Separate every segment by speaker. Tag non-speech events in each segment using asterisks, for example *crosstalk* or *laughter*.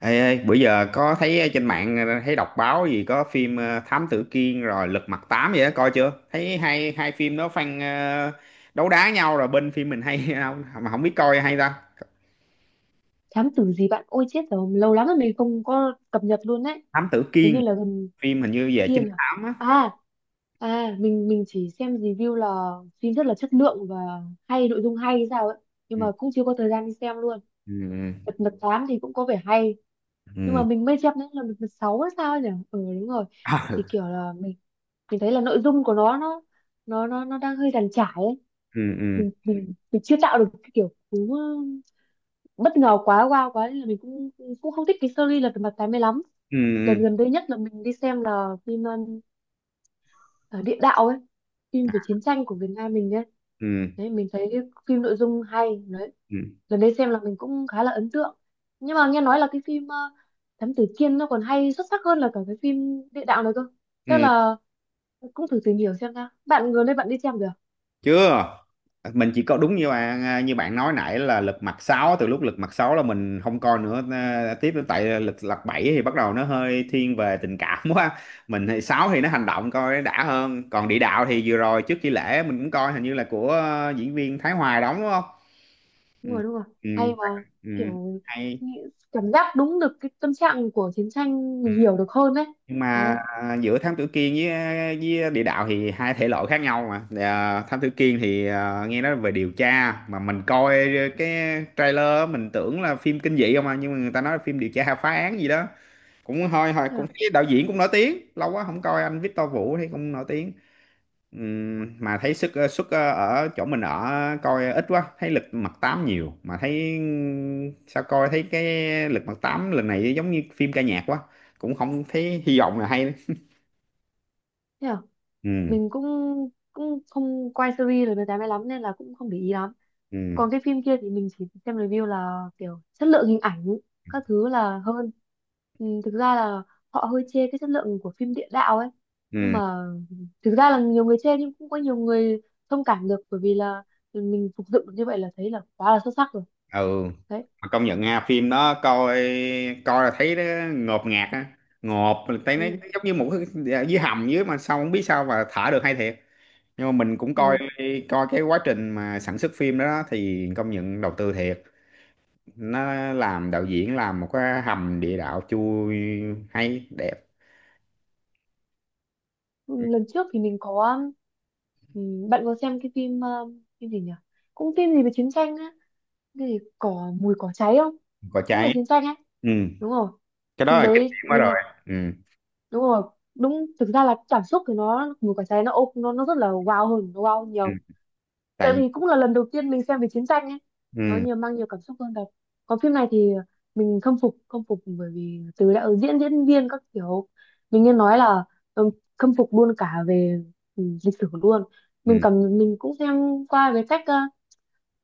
Speaker 1: Ê, ê, bữa giờ có thấy trên mạng thấy đọc báo gì có phim Thám Tử Kiên rồi Lật Mặt Tám vậy đó, coi chưa? Thấy hai hai phim đó fan ờ, đấu đá nhau rồi bên phim mình hay *laughs* không mà không biết coi hay ta.
Speaker 2: Thám tử gì bạn? Ôi chết rồi, lâu lắm rồi mình không có cập nhật luôn đấy.
Speaker 1: Thám Tử
Speaker 2: Thế như
Speaker 1: Kiên
Speaker 2: là gần
Speaker 1: phim hình như về
Speaker 2: kia
Speaker 1: trinh
Speaker 2: là,
Speaker 1: thám á.
Speaker 2: à à mình chỉ xem review là phim rất là chất lượng và hay, nội dung hay hay sao ấy. Nhưng
Speaker 1: Ừ,
Speaker 2: mà cũng chưa có thời gian đi xem luôn.
Speaker 1: ừ, ừ.
Speaker 2: Mật mật thám thì cũng có vẻ hay. Nhưng mà
Speaker 1: Ừ.
Speaker 2: mình mới xem đến là được sáu hay sao ấy nhỉ. Ừ, đúng rồi. Thì
Speaker 1: *laughs*
Speaker 2: kiểu là mình thấy là nội dung của nó đang hơi dàn trải ấy.
Speaker 1: Ừ, ừ.
Speaker 2: Mình chưa tạo được cái kiểu cú bất ngờ quá, wow quá nên là mình cũng cũng không thích cái series Lật Mặt Tám mươi lắm.
Speaker 1: Ừ,
Speaker 2: Lần
Speaker 1: ừ.
Speaker 2: gần đây nhất là mình đi xem là phim ờ, Địa Đạo ấy, phim về chiến tranh của Việt Nam mình ấy.
Speaker 1: Ừ, ừ.
Speaker 2: Đấy, mình thấy cái phim nội dung hay đấy.
Speaker 1: Ừ,
Speaker 2: Lần đấy xem là mình cũng khá là ấn tượng. Nhưng mà nghe nói là cái phim Thám Tử Kiên nó còn hay, xuất sắc hơn là cả cái phim Địa Đạo này cơ. Chắc
Speaker 1: ừ.
Speaker 2: là cũng thử tìm hiểu xem nào. Bạn gần đây bạn đi xem được?
Speaker 1: Chưa, mình chỉ có đúng như bạn à, như bạn nói nãy là lật mặt sáu, từ lúc lật mặt sáu là mình không coi nữa à, tiếp đến tại lật lật bảy thì bắt đầu nó hơi thiên về tình cảm *laughs* quá. Mình thì 6 thì nó hành động coi nó đã hơn, còn địa đạo thì vừa rồi trước khi lễ mình cũng coi hình như là của diễn viên Thái Hoài đóng, đúng không? Ừ.
Speaker 2: Đúng rồi, đúng rồi,
Speaker 1: Ừ.
Speaker 2: hay mà.
Speaker 1: Ừ.
Speaker 2: Kiểu
Speaker 1: Hay.
Speaker 2: nghĩ- cảm giác đúng được cái tâm trạng của chiến tranh, mình hiểu được hơn đấy.
Speaker 1: Nhưng mà
Speaker 2: Đấy.
Speaker 1: à, giữa thám tử Kiên với địa đạo thì hai thể loại khác nhau mà à, thám tử Kiên thì à, nghe nói về điều tra mà mình coi cái trailer á, mình tưởng là phim kinh dị không à, nhưng mà người ta nói là phim điều tra phá án gì đó. Cũng hơi hơi
Speaker 2: Thế
Speaker 1: cũng
Speaker 2: à,
Speaker 1: thấy đạo diễn cũng nổi tiếng lâu quá không coi, anh Victor Vũ thấy cũng nổi tiếng. Mà thấy sức sức ở chỗ mình ở coi ít quá, thấy lực mặt tám nhiều mà thấy sao coi thấy cái lực mặt tám lần này giống như phim ca nhạc quá, cũng không thấy hy vọng là hay.
Speaker 2: thế à?
Speaker 1: Ừ.
Speaker 2: Mình cũng cũng không quay series rồi, người ta mới lắm nên là cũng không để ý lắm.
Speaker 1: Ừ.
Speaker 2: Còn cái phim kia thì mình chỉ xem review là kiểu chất lượng hình ảnh các thứ là hơn. Ừ, thực ra là họ hơi chê cái chất lượng của phim Địa Đạo ấy. Nhưng
Speaker 1: Ừ.
Speaker 2: mà thực ra là nhiều người chê nhưng cũng có nhiều người thông cảm được bởi vì là mình phục dựng được như vậy là thấy là quá là xuất sắc rồi.
Speaker 1: Ừ.
Speaker 2: Đấy.
Speaker 1: Mà công nhận ha, phim đó coi coi là thấy nó ngột ngạt á, ngộp, mình thấy nó
Speaker 2: Đúng không?
Speaker 1: giống như một cái, dạ, dưới hầm dưới mà sao không biết sao mà thả được hay thiệt. Nhưng mà mình cũng coi
Speaker 2: Ồ,
Speaker 1: coi cái quá trình mà sản xuất phim đó, đó thì công nhận đầu tư thiệt, nó làm, đạo diễn làm một cái hầm địa đạo chui hay đẹp.
Speaker 2: lần trước thì mình có, ừ, bạn có xem cái phim phim gì nhỉ, cũng phim gì về chiến tranh á, cái gì mùi cỏ cháy không?
Speaker 1: Có
Speaker 2: Cũng về
Speaker 1: cháy.
Speaker 2: chiến tranh ấy.
Speaker 1: Ừ,
Speaker 2: Đúng rồi,
Speaker 1: cái đó
Speaker 2: phim
Speaker 1: là kinh
Speaker 2: đấy
Speaker 1: điển quá rồi.
Speaker 2: mình,
Speaker 1: Ừ.
Speaker 2: đúng rồi. Đúng, thực ra là cảm xúc thì nó, mùa cỏ cháy nó nó rất là wow hơn, nó wow hơn
Speaker 1: Ừ.
Speaker 2: nhiều. Tại
Speaker 1: Tại.
Speaker 2: vì cũng là lần đầu tiên mình xem về chiến tranh ấy, nó
Speaker 1: Ừ.
Speaker 2: nhiều, mang nhiều cảm xúc hơn thật. Còn phim này thì mình khâm phục, khâm phục bởi vì từ đạo diễn, diễn viên các kiểu. Mình nghe nói là, ừ, khâm phục luôn cả về lịch sử luôn. Mình
Speaker 1: Ừ.
Speaker 2: cầm mình cũng xem qua về cách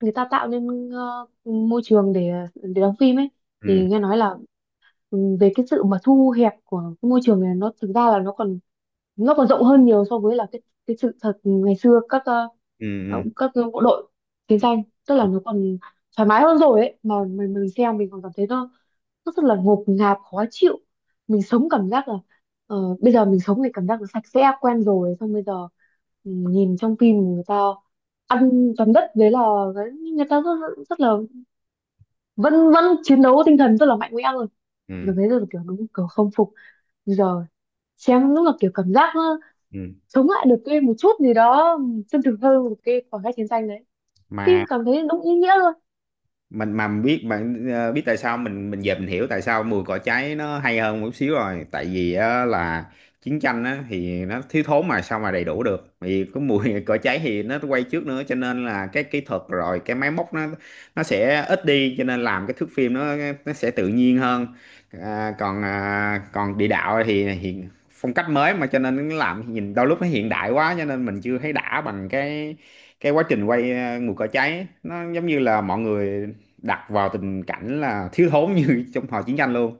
Speaker 2: người ta tạo nên môi trường để đóng phim ấy.
Speaker 1: Ừ.
Speaker 2: Thì nghe nói là, về cái sự mà thu hẹp của cái môi trường này nó thực ra là nó còn rộng hơn nhiều so với là cái sự thật ngày xưa, các
Speaker 1: Ừ.
Speaker 2: các bộ đội chiến tranh, tức
Speaker 1: Ừ.
Speaker 2: là
Speaker 1: Ừ.
Speaker 2: nó còn thoải mái hơn rồi ấy mà. Mình xem mình còn cảm thấy nó rất là ngột ngạt, khó chịu. Mình sống cảm giác là, bây giờ mình sống thì cảm giác là sạch sẽ quen rồi, xong bây giờ nhìn trong phim người ta ăn toàn đất, đấy là cái- người ta rất, rất là vẫn vẫn chiến đấu tinh thần rất là mạnh mẽ rồi. Giờ
Speaker 1: Ừ.
Speaker 2: thấy rất là kiểu đúng kiểu không phục. Bây giờ xem lúc là kiểu cảm giác
Speaker 1: Ừ.
Speaker 2: chống lại được cái một chút gì đó chân thực hơn một cái khoảng cách chiến tranh đấy. Phim
Speaker 1: mà
Speaker 2: cảm thấy đúng ý nghĩa luôn.
Speaker 1: mà mình biết bạn biết tại sao, mình giờ mình hiểu tại sao mùi cỏ cháy nó hay hơn một chút xíu rồi, tại vì á, là chiến tranh á, thì nó thiếu thốn mà sao mà đầy đủ được, vì cái mùi *laughs* cỏ cháy thì nó quay trước nữa cho nên là cái kỹ thuật rồi cái máy móc nó sẽ ít đi, cho nên làm cái thước phim nó sẽ tự nhiên hơn. À, còn à, còn địa đạo thì hiện phong cách mới mà, cho nên nó làm nhìn đôi lúc nó hiện đại quá, cho nên mình chưa thấy đã bằng cái quá trình quay mùi cỏ cháy nó giống như là mọi người đặt vào tình cảnh là thiếu thốn như *laughs* trong thời chiến tranh luôn.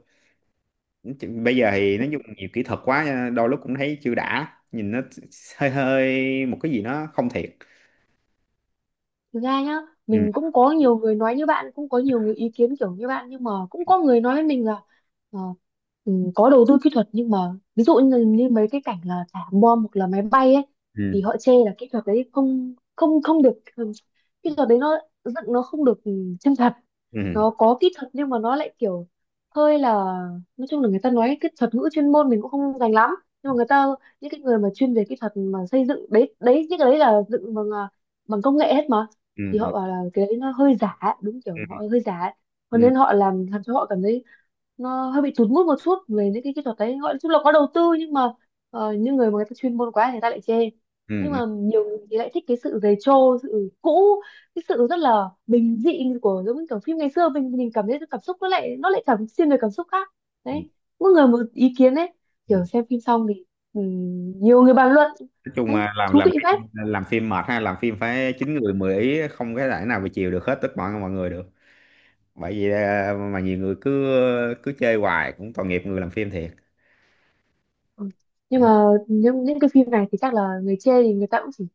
Speaker 1: Chứ bây giờ thì nó dùng nhiều kỹ thuật quá, cho nên đôi lúc cũng thấy chưa đã, nhìn nó hơi hơi một cái gì nó không thiệt.
Speaker 2: Thực ra nhá,
Speaker 1: Ừ.
Speaker 2: mình cũng có nhiều người nói như bạn, cũng có nhiều người ý kiến kiểu như bạn, nhưng mà cũng có người nói với mình là ờ, có đầu tư kỹ thuật nhưng mà ví dụ như mấy cái cảnh là thả bom hoặc là máy bay ấy, thì
Speaker 1: Ừ.
Speaker 2: họ chê là kỹ thuật đấy không không không được, kỹ thuật đấy nó dựng nó không được, chân thật.
Speaker 1: Ừ.
Speaker 2: Nó có kỹ thuật nhưng mà nó lại kiểu hơi là, nói chung là người ta nói cái thuật ngữ chuyên môn mình cũng không dành lắm, nhưng mà người ta, những cái người mà chuyên về kỹ thuật mà xây dựng đấy, đấy những cái đấy là dựng bằng công nghệ hết mà.
Speaker 1: Ừ.
Speaker 2: Thì
Speaker 1: Ừ.
Speaker 2: họ bảo là cái đấy nó hơi giả đúng
Speaker 1: Ừ.
Speaker 2: kiểu họ hơi giả, cho
Speaker 1: Ừ.
Speaker 2: nên họ làm cho họ cảm thấy nó hơi bị tụt mood một chút về những cái kỹ thuật đấy, gọi là, chung là có đầu tư nhưng mà những người mà người ta chuyên môn quá thì người ta lại chê. Nhưng mà
Speaker 1: Ừ.
Speaker 2: nhiều người thì lại thích cái sự dày trô, sự cũ, cái sự rất là bình dị của, giống như kiểu phim ngày xưa, mình cảm thấy cảm xúc nó lại, nó lại cảm xuyên về cảm xúc khác.
Speaker 1: Ừ.
Speaker 2: Đấy, mỗi người một ý kiến đấy.
Speaker 1: Ừ.
Speaker 2: Kiểu xem phim xong thì nhiều người bàn luận,
Speaker 1: Nói chung
Speaker 2: đấy
Speaker 1: là làm,
Speaker 2: thú
Speaker 1: làm
Speaker 2: vị phết.
Speaker 1: làm phim mệt ha, làm phim phải chín người mười ý, không cái thể nào mà chiều được hết tất mọi mọi người được. Bởi vì à, mà nhiều người cứ cứ chơi hoài cũng tội nghiệp người làm phim thiệt.
Speaker 2: Ừ. Nhưng mà những cái phim này thì chắc là người chê thì người ta cũng chỉ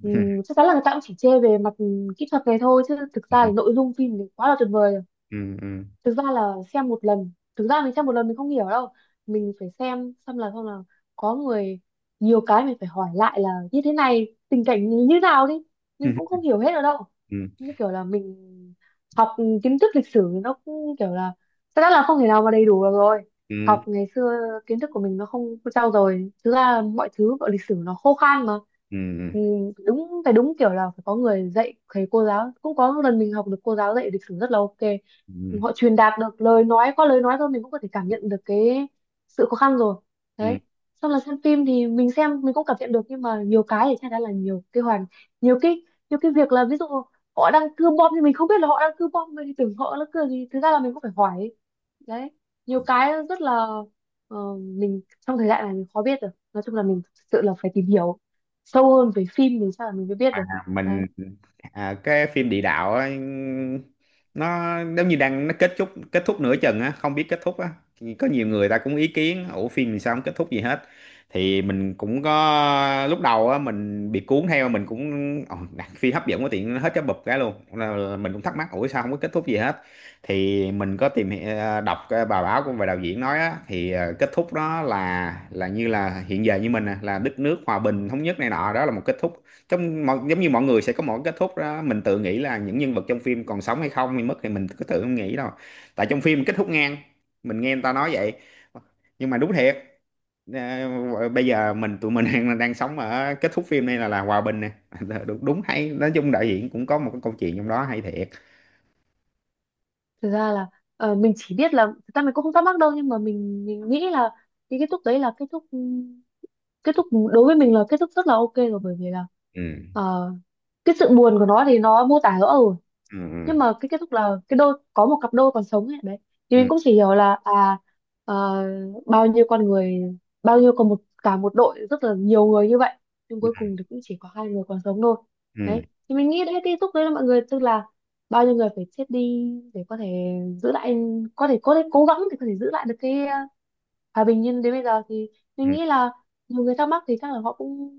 Speaker 1: *laughs*
Speaker 2: chắc chắn là người ta cũng chỉ chê về mặt kỹ thuật này thôi, chứ thực
Speaker 1: Ừ.
Speaker 2: ra là nội dung phim thì quá là tuyệt vời rồi.
Speaker 1: Ừ.
Speaker 2: Thực ra là xem một lần, thực ra mình xem một lần mình không hiểu đâu. Mình phải xem xong là, xong là có người, nhiều cái mình phải hỏi lại là như thế này tình cảnh như như nào đi,
Speaker 1: Ừ.
Speaker 2: mình cũng không hiểu hết ở đâu.
Speaker 1: Ừ.
Speaker 2: Như kiểu là mình học kiến thức lịch sử nó cũng kiểu là chắc chắn là không thể nào mà đầy đủ được rồi.
Speaker 1: Ừ.
Speaker 2: Học ngày xưa kiến thức của mình nó không có trau dồi, thực ra mọi thứ gọi lịch sử nó khô khan mà.
Speaker 1: Ừ. Ừ.
Speaker 2: Ừ, đúng phải đúng kiểu là phải có người dạy, thầy cô giáo cũng có một lần mình học được cô giáo dạy lịch sử rất là ok.
Speaker 1: Ừ.
Speaker 2: Họ truyền đạt được lời nói, qua lời nói thôi mình cũng có thể cảm nhận được cái sự khó khăn rồi.
Speaker 1: Ừ.
Speaker 2: Đấy. Xong là xem phim thì mình xem mình cũng cảm nhận được, nhưng mà nhiều cái thì chắc chắn là nhiều cái nhiều cái việc là ví dụ họ đang cưa bom thì mình không biết là họ đang cưa bom, mình thì tưởng họ là cưa gì, thực ra là mình cũng phải hỏi. Đấy. Nhiều cái rất là mình, trong thời đại này mình khó biết được, nói chung là mình thực sự là phải tìm hiểu sâu hơn về phim thì chắc là mình mới biết
Speaker 1: À,
Speaker 2: được. Đấy.
Speaker 1: mình à, cái phim địa đạo á, nó giống như đang, nó kết thúc nửa chừng á, không biết kết thúc á. Thì có nhiều người ta cũng ý kiến, ủa phim thì sao không kết thúc gì hết. Thì mình cũng có lúc đầu á mình bị cuốn theo, mình cũng "Ồ, đặt phim hấp dẫn quá, tiện nó hết cái bụp cái luôn." Là mình cũng thắc mắc, ủa sao không có kết thúc gì hết. Thì mình có đọc cái bài báo của, về đạo diễn nói á, thì kết thúc đó là như là hiện giờ như mình nè, là đất nước hòa bình thống nhất này nọ, đó là một kết thúc. Trong mọi, giống như mọi người sẽ có một cái kết thúc đó, mình tự nghĩ là những nhân vật trong phim còn sống hay không hay mất thì mình cứ tự không nghĩ đâu, tại trong phim kết thúc ngang. Mình nghe người ta nói vậy, nhưng mà đúng thiệt. Bây giờ mình, tụi mình *laughs* đang đang sống ở kết thúc phim này, là hòa bình nè. *laughs* Đúng, đúng hay, nói chung đạo diễn cũng có một cái câu chuyện trong đó hay thiệt.
Speaker 2: Thực ra là mình chỉ biết là thực ra mình cũng không thắc mắc đâu, nhưng mà mình nghĩ là cái kết thúc đấy là kết thúc, kết thúc đối với mình là kết thúc rất là ok rồi, bởi vì là
Speaker 1: Ừ.
Speaker 2: ờ, cái sự buồn của nó thì nó mô tả rõ ở.
Speaker 1: Ừ.
Speaker 2: Nhưng mà cái kết thúc là cái đôi, có một cặp đôi còn sống ấy, đấy thì mình
Speaker 1: Ừ.
Speaker 2: cũng chỉ hiểu là à, ờ, bao nhiêu con người, bao nhiêu còn một cả một đội rất là nhiều người như vậy, nhưng cuối cùng thì cũng chỉ có hai người còn sống thôi.
Speaker 1: Ừ.
Speaker 2: Đấy thì mình nghĩ đấy cái kết thúc đấy là mọi người tức là bao nhiêu người phải chết đi để có thể giữ lại, có thể cố gắng để có thể giữ lại được cái hòa bình, nhưng đến bây giờ thì
Speaker 1: Ừ.
Speaker 2: mình
Speaker 1: Ừ.
Speaker 2: nghĩ là nhiều người thắc mắc thì chắc là họ cũng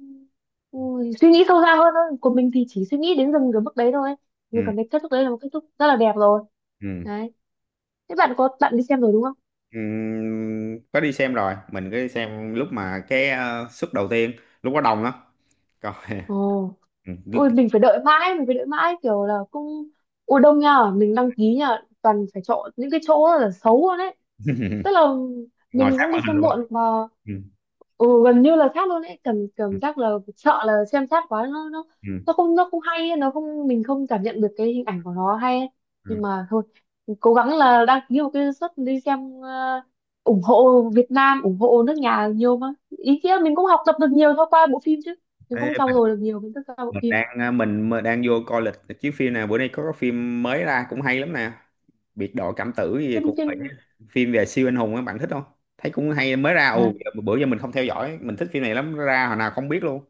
Speaker 2: ừ, suy nghĩ sâu xa hơn thôi. Của mình thì chỉ suy nghĩ đến dừng cái mức đấy thôi, nhưng
Speaker 1: Ừ.
Speaker 2: còn cái kết thúc đấy là một kết thúc rất là đẹp rồi.
Speaker 1: Ừ.
Speaker 2: Đấy. Thế bạn có, bạn đi xem rồi đúng không?
Speaker 1: Có đi xem rồi, mình cứ đi xem lúc mà cái suất đầu tiên lúc có đông lắm, coi.
Speaker 2: Ồ.
Speaker 1: *laughs* Ừ.
Speaker 2: Ui mình phải đợi mãi, mình phải đợi mãi kiểu là cũng ui đông nha, mình đăng ký nha, toàn phải chọn những cái chỗ là xấu luôn đấy. Tức
Speaker 1: *laughs*
Speaker 2: là
Speaker 1: Ngồi
Speaker 2: mình
Speaker 1: sát
Speaker 2: cũng đi
Speaker 1: màn hình
Speaker 2: xem
Speaker 1: luôn.
Speaker 2: muộn mà.
Speaker 1: Ừ.
Speaker 2: Ừ, gần như là sát luôn đấy, cảm
Speaker 1: Ừ.
Speaker 2: cảm giác là sợ là xem sát quá nó
Speaker 1: Ừ.
Speaker 2: nó không, nó không hay ấy, nó không, mình không cảm nhận được cái hình ảnh của nó hay ấy.
Speaker 1: Ừ.
Speaker 2: Nhưng mà thôi, cố gắng là đăng ký một cái suất đi xem ủng hộ Việt Nam, ủng hộ nước nhà nhiều mà. Ý nghĩa mình cũng học tập được nhiều thông qua bộ phim chứ mình
Speaker 1: Thế
Speaker 2: cũng trau
Speaker 1: mình,
Speaker 2: dồi được nhiều kiến thức qua bộ
Speaker 1: mình
Speaker 2: phim
Speaker 1: đang à, mình, mình đang vô coi lịch chiếu phim, nào bữa nay có cái phim mới ra cũng hay lắm nè. Biệt đội cảm tử gì
Speaker 2: phim
Speaker 1: cũng vậy á.
Speaker 2: phim
Speaker 1: Phim về siêu anh hùng á, bạn thích không? Thấy cũng hay, mới ra. Ồ,
Speaker 2: à,
Speaker 1: bữa giờ mình không theo dõi, mình thích phim này lắm, ra hồi nào không biết luôn.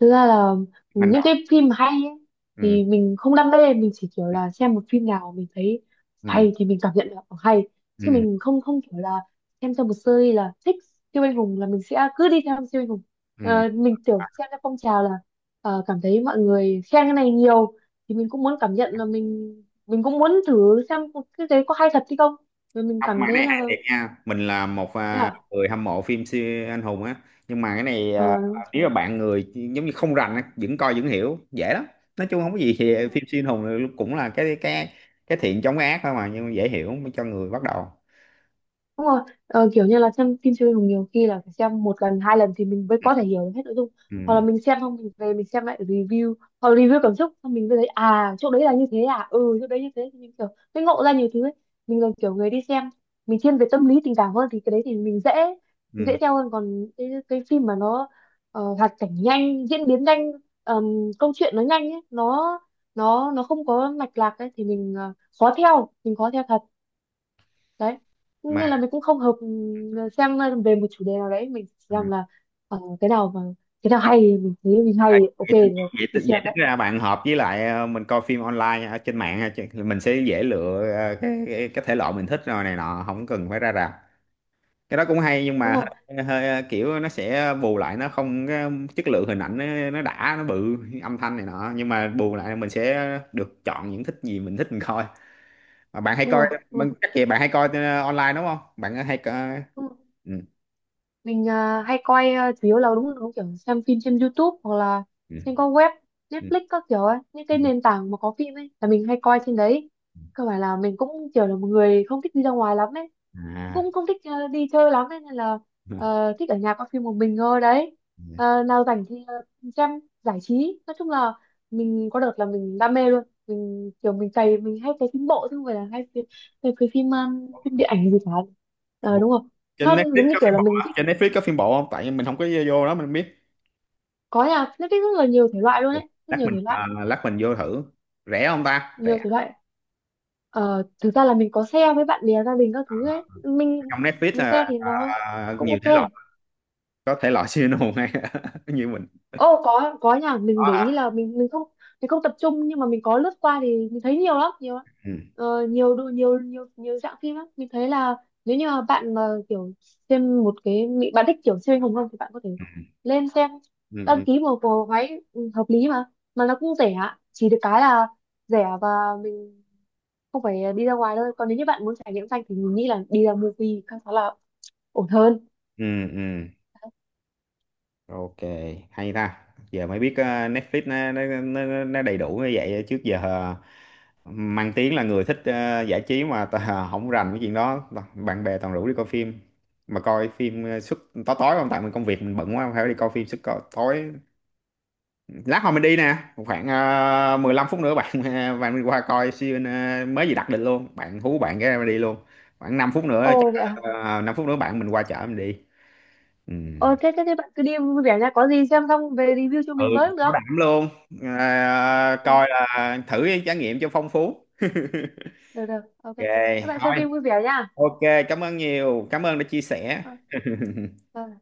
Speaker 2: Thực ra là
Speaker 1: Hành
Speaker 2: những
Speaker 1: động.
Speaker 2: cái phim mà hay ấy,
Speaker 1: Ừ.
Speaker 2: thì mình không đam mê, mình chỉ kiểu
Speaker 1: Ừ.
Speaker 2: là xem một phim nào mình thấy
Speaker 1: Ừ.
Speaker 2: hay thì mình cảm nhận được hay, chứ
Speaker 1: Ừ.
Speaker 2: mình không không kiểu là xem cho một series là thích siêu anh hùng là mình sẽ cứ đi theo siêu anh hùng.
Speaker 1: Ừ.
Speaker 2: Ờ, mình kiểu xem theo phong trào là cảm thấy mọi người khen cái này nhiều thì mình cũng muốn cảm nhận là mình cũng muốn thử xem cái đấy có hay thật hay không, rồi mình
Speaker 1: Không, mà
Speaker 2: cảm
Speaker 1: cái
Speaker 2: thấy
Speaker 1: này
Speaker 2: là
Speaker 1: hay thiệt nha, mình là một
Speaker 2: thế
Speaker 1: à,
Speaker 2: à?
Speaker 1: người hâm mộ phim siêu anh hùng á. Nhưng mà cái này
Speaker 2: Ờ,
Speaker 1: à, nếu mà bạn người giống như không rành á, vẫn coi vẫn hiểu dễ lắm. Nói chung không có gì, thì phim siêu anh hùng là cũng là cái cái thiện chống cái ác thôi mà, nhưng mà dễ hiểu cho người bắt đầu.
Speaker 2: đúng rồi, ờ, kiểu như là xem phim siêu anh hùng nhiều khi là phải xem một lần, hai lần thì mình mới có thể hiểu được hết nội dung.
Speaker 1: Ừ.
Speaker 2: Hoặc là mình xem xong mình về mình xem lại review, hoặc là review cảm xúc, xong mình mới thấy à chỗ đấy là như thế à, ừ chỗ đấy như thế thì mình ngộ ra nhiều thứ ấy. Mình là kiểu người đi xem, mình thiên về tâm lý tình cảm hơn thì cái đấy thì mình dễ
Speaker 1: Ừ.
Speaker 2: theo hơn, còn cái phim mà nó hoạt cảnh nhanh, diễn biến nhanh, ờm, câu chuyện nó nhanh ấy, nó không có mạch lạc ấy thì mình khó theo, mình khó theo thật đấy,
Speaker 1: Mà
Speaker 2: nên là mình cũng không hợp xem về một chủ đề nào đấy, mình chỉ
Speaker 1: ừ.
Speaker 2: rằng là cái nào mà cái nào hay thì mình thấy mình hay
Speaker 1: Ai-
Speaker 2: ok
Speaker 1: vậy, tính-
Speaker 2: rồi
Speaker 1: vậy,
Speaker 2: đi
Speaker 1: tính- vậy
Speaker 2: xem
Speaker 1: tính
Speaker 2: đấy.
Speaker 1: ra bạn hợp với lại à, mình coi phim online ở trên mạng á, chứ mình sẽ dễ lựa à, cái thể loại mình thích rồi này nọ, không cần phải ra rạp. Cái đó cũng hay, nhưng
Speaker 2: đúng
Speaker 1: mà
Speaker 2: rồi
Speaker 1: hơi, hơi kiểu nó sẽ bù lại nó không, cái chất lượng hình ảnh nó đã, nó bự, âm thanh này nọ, nhưng mà bù lại mình sẽ được chọn những thích gì mình thích mình coi. Mà bạn hay
Speaker 2: đúng
Speaker 1: coi
Speaker 2: rồi đúng rồi,
Speaker 1: bạn, chắc gì bạn hay coi online, đúng không, bạn hay coi.
Speaker 2: đúng rồi.
Speaker 1: Ừ.
Speaker 2: Mình à, hay coi à, chủ yếu là đúng đúng kiểu xem phim trên YouTube hoặc là
Speaker 1: Ừ.
Speaker 2: trên các web
Speaker 1: Ừ.
Speaker 2: Netflix các kiểu ấy, những
Speaker 1: Ừ.
Speaker 2: cái nền tảng mà có phim ấy là mình hay coi trên đấy. Cơ bản là mình cũng kiểu là một người không thích đi ra ngoài lắm ấy,
Speaker 1: À.
Speaker 2: cũng không thích đi chơi lắm, nên là
Speaker 1: Ừ.
Speaker 2: ờ, thích ở nhà coi phim một mình thôi đấy. Ờ, nào rảnh thì xem giải trí, nói chung là mình có đợt là mình đam mê luôn, mình kiểu mình cày, mình hay cày phim bộ chứ không phải là hay cày phim phim điện
Speaker 1: Bộ.
Speaker 2: ảnh gì cả. Ờ,
Speaker 1: *laughs*
Speaker 2: đúng rồi.
Speaker 1: Trên
Speaker 2: Nó
Speaker 1: Netflix
Speaker 2: giống như
Speaker 1: có
Speaker 2: kiểu
Speaker 1: phim
Speaker 2: là
Speaker 1: bộ
Speaker 2: mình
Speaker 1: hả?
Speaker 2: thích
Speaker 1: Trên Netflix có phim bộ không? Tại vì mình không có vô đó, mình không biết.
Speaker 2: có nhà nó thích rất là nhiều thể loại luôn
Speaker 1: Ừ.
Speaker 2: ấy, rất
Speaker 1: Lát
Speaker 2: nhiều
Speaker 1: mình
Speaker 2: thể loại,
Speaker 1: lát mình vô thử. Rẻ không ta, rẻ.
Speaker 2: nhiều thể loại. Ờ, thực ra là mình có share với bạn bè gia đình các thứ ấy,
Speaker 1: Trong Netflix
Speaker 2: mình
Speaker 1: là
Speaker 2: share thì nó cũng
Speaker 1: nhiều thể
Speaker 2: ok.
Speaker 1: loại. Có thể loại *laughs* siêu anh hùng hay *laughs* như mình.
Speaker 2: Ô có nha,
Speaker 1: Có
Speaker 2: mình để
Speaker 1: hả?
Speaker 2: ý là mình không, mình không tập trung nhưng mà mình có lướt qua thì mình thấy nhiều lắm, nhiều lắm.
Speaker 1: Ừ.
Speaker 2: Ờ, nhiều đồ, nhiều nhiều nhiều dạng phim lắm. Mình thấy là nếu như mà bạn mà kiểu xem một cái bị bạn thích kiểu siêu anh hùng không thì bạn có thể lên xem
Speaker 1: Ừ. Ừ.
Speaker 2: đăng ký một bộ váy, ừ, hợp lý mà nó cũng rẻ, chỉ được cái là rẻ và mình không phải đi ra ngoài thôi. Còn nếu như bạn muốn trải nghiệm xanh thì mình nghĩ là đi ra movie khá khá là ổn hơn.
Speaker 1: Ừ. Ừ. Ok, hay ta, giờ mới biết Netflix nó đầy đủ như vậy. Trước giờ mang tiếng là người thích giải trí mà ta, không rành cái chuyện đó. Bạn bè toàn rủ đi coi phim, mà coi phim suốt tối, tối không tại mình công việc mình bận quá, không phải đi coi phim suốt tối. Lát hồi mình đi nè, khoảng 15 phút nữa bạn *laughs* bạn mình qua coi siêu, mới gì đặt định luôn, bạn hú bạn cái mình đi luôn. Khoảng 5 phút nữa chắc.
Speaker 2: Ồ vậy à.
Speaker 1: 5 phút nữa bạn mình qua chở mình đi. Ừ.
Speaker 2: Ờ thế thế thế bạn cứ đi vui vẻ nha, có gì xem xong về review cho
Speaker 1: Ừ.
Speaker 2: mình với cũng
Speaker 1: Bảo
Speaker 2: được.
Speaker 1: đảm luôn. Ờ,
Speaker 2: Thôi,
Speaker 1: coi là thử cái trải nghiệm cho phong phú.
Speaker 2: được được ok,
Speaker 1: Ok.
Speaker 2: các bạn xem
Speaker 1: Thôi.
Speaker 2: phim vui vẻ nha.
Speaker 1: Ok. Cảm ơn nhiều, cảm ơn đã chia sẻ.
Speaker 2: Thôi,
Speaker 1: *laughs*
Speaker 2: thôi.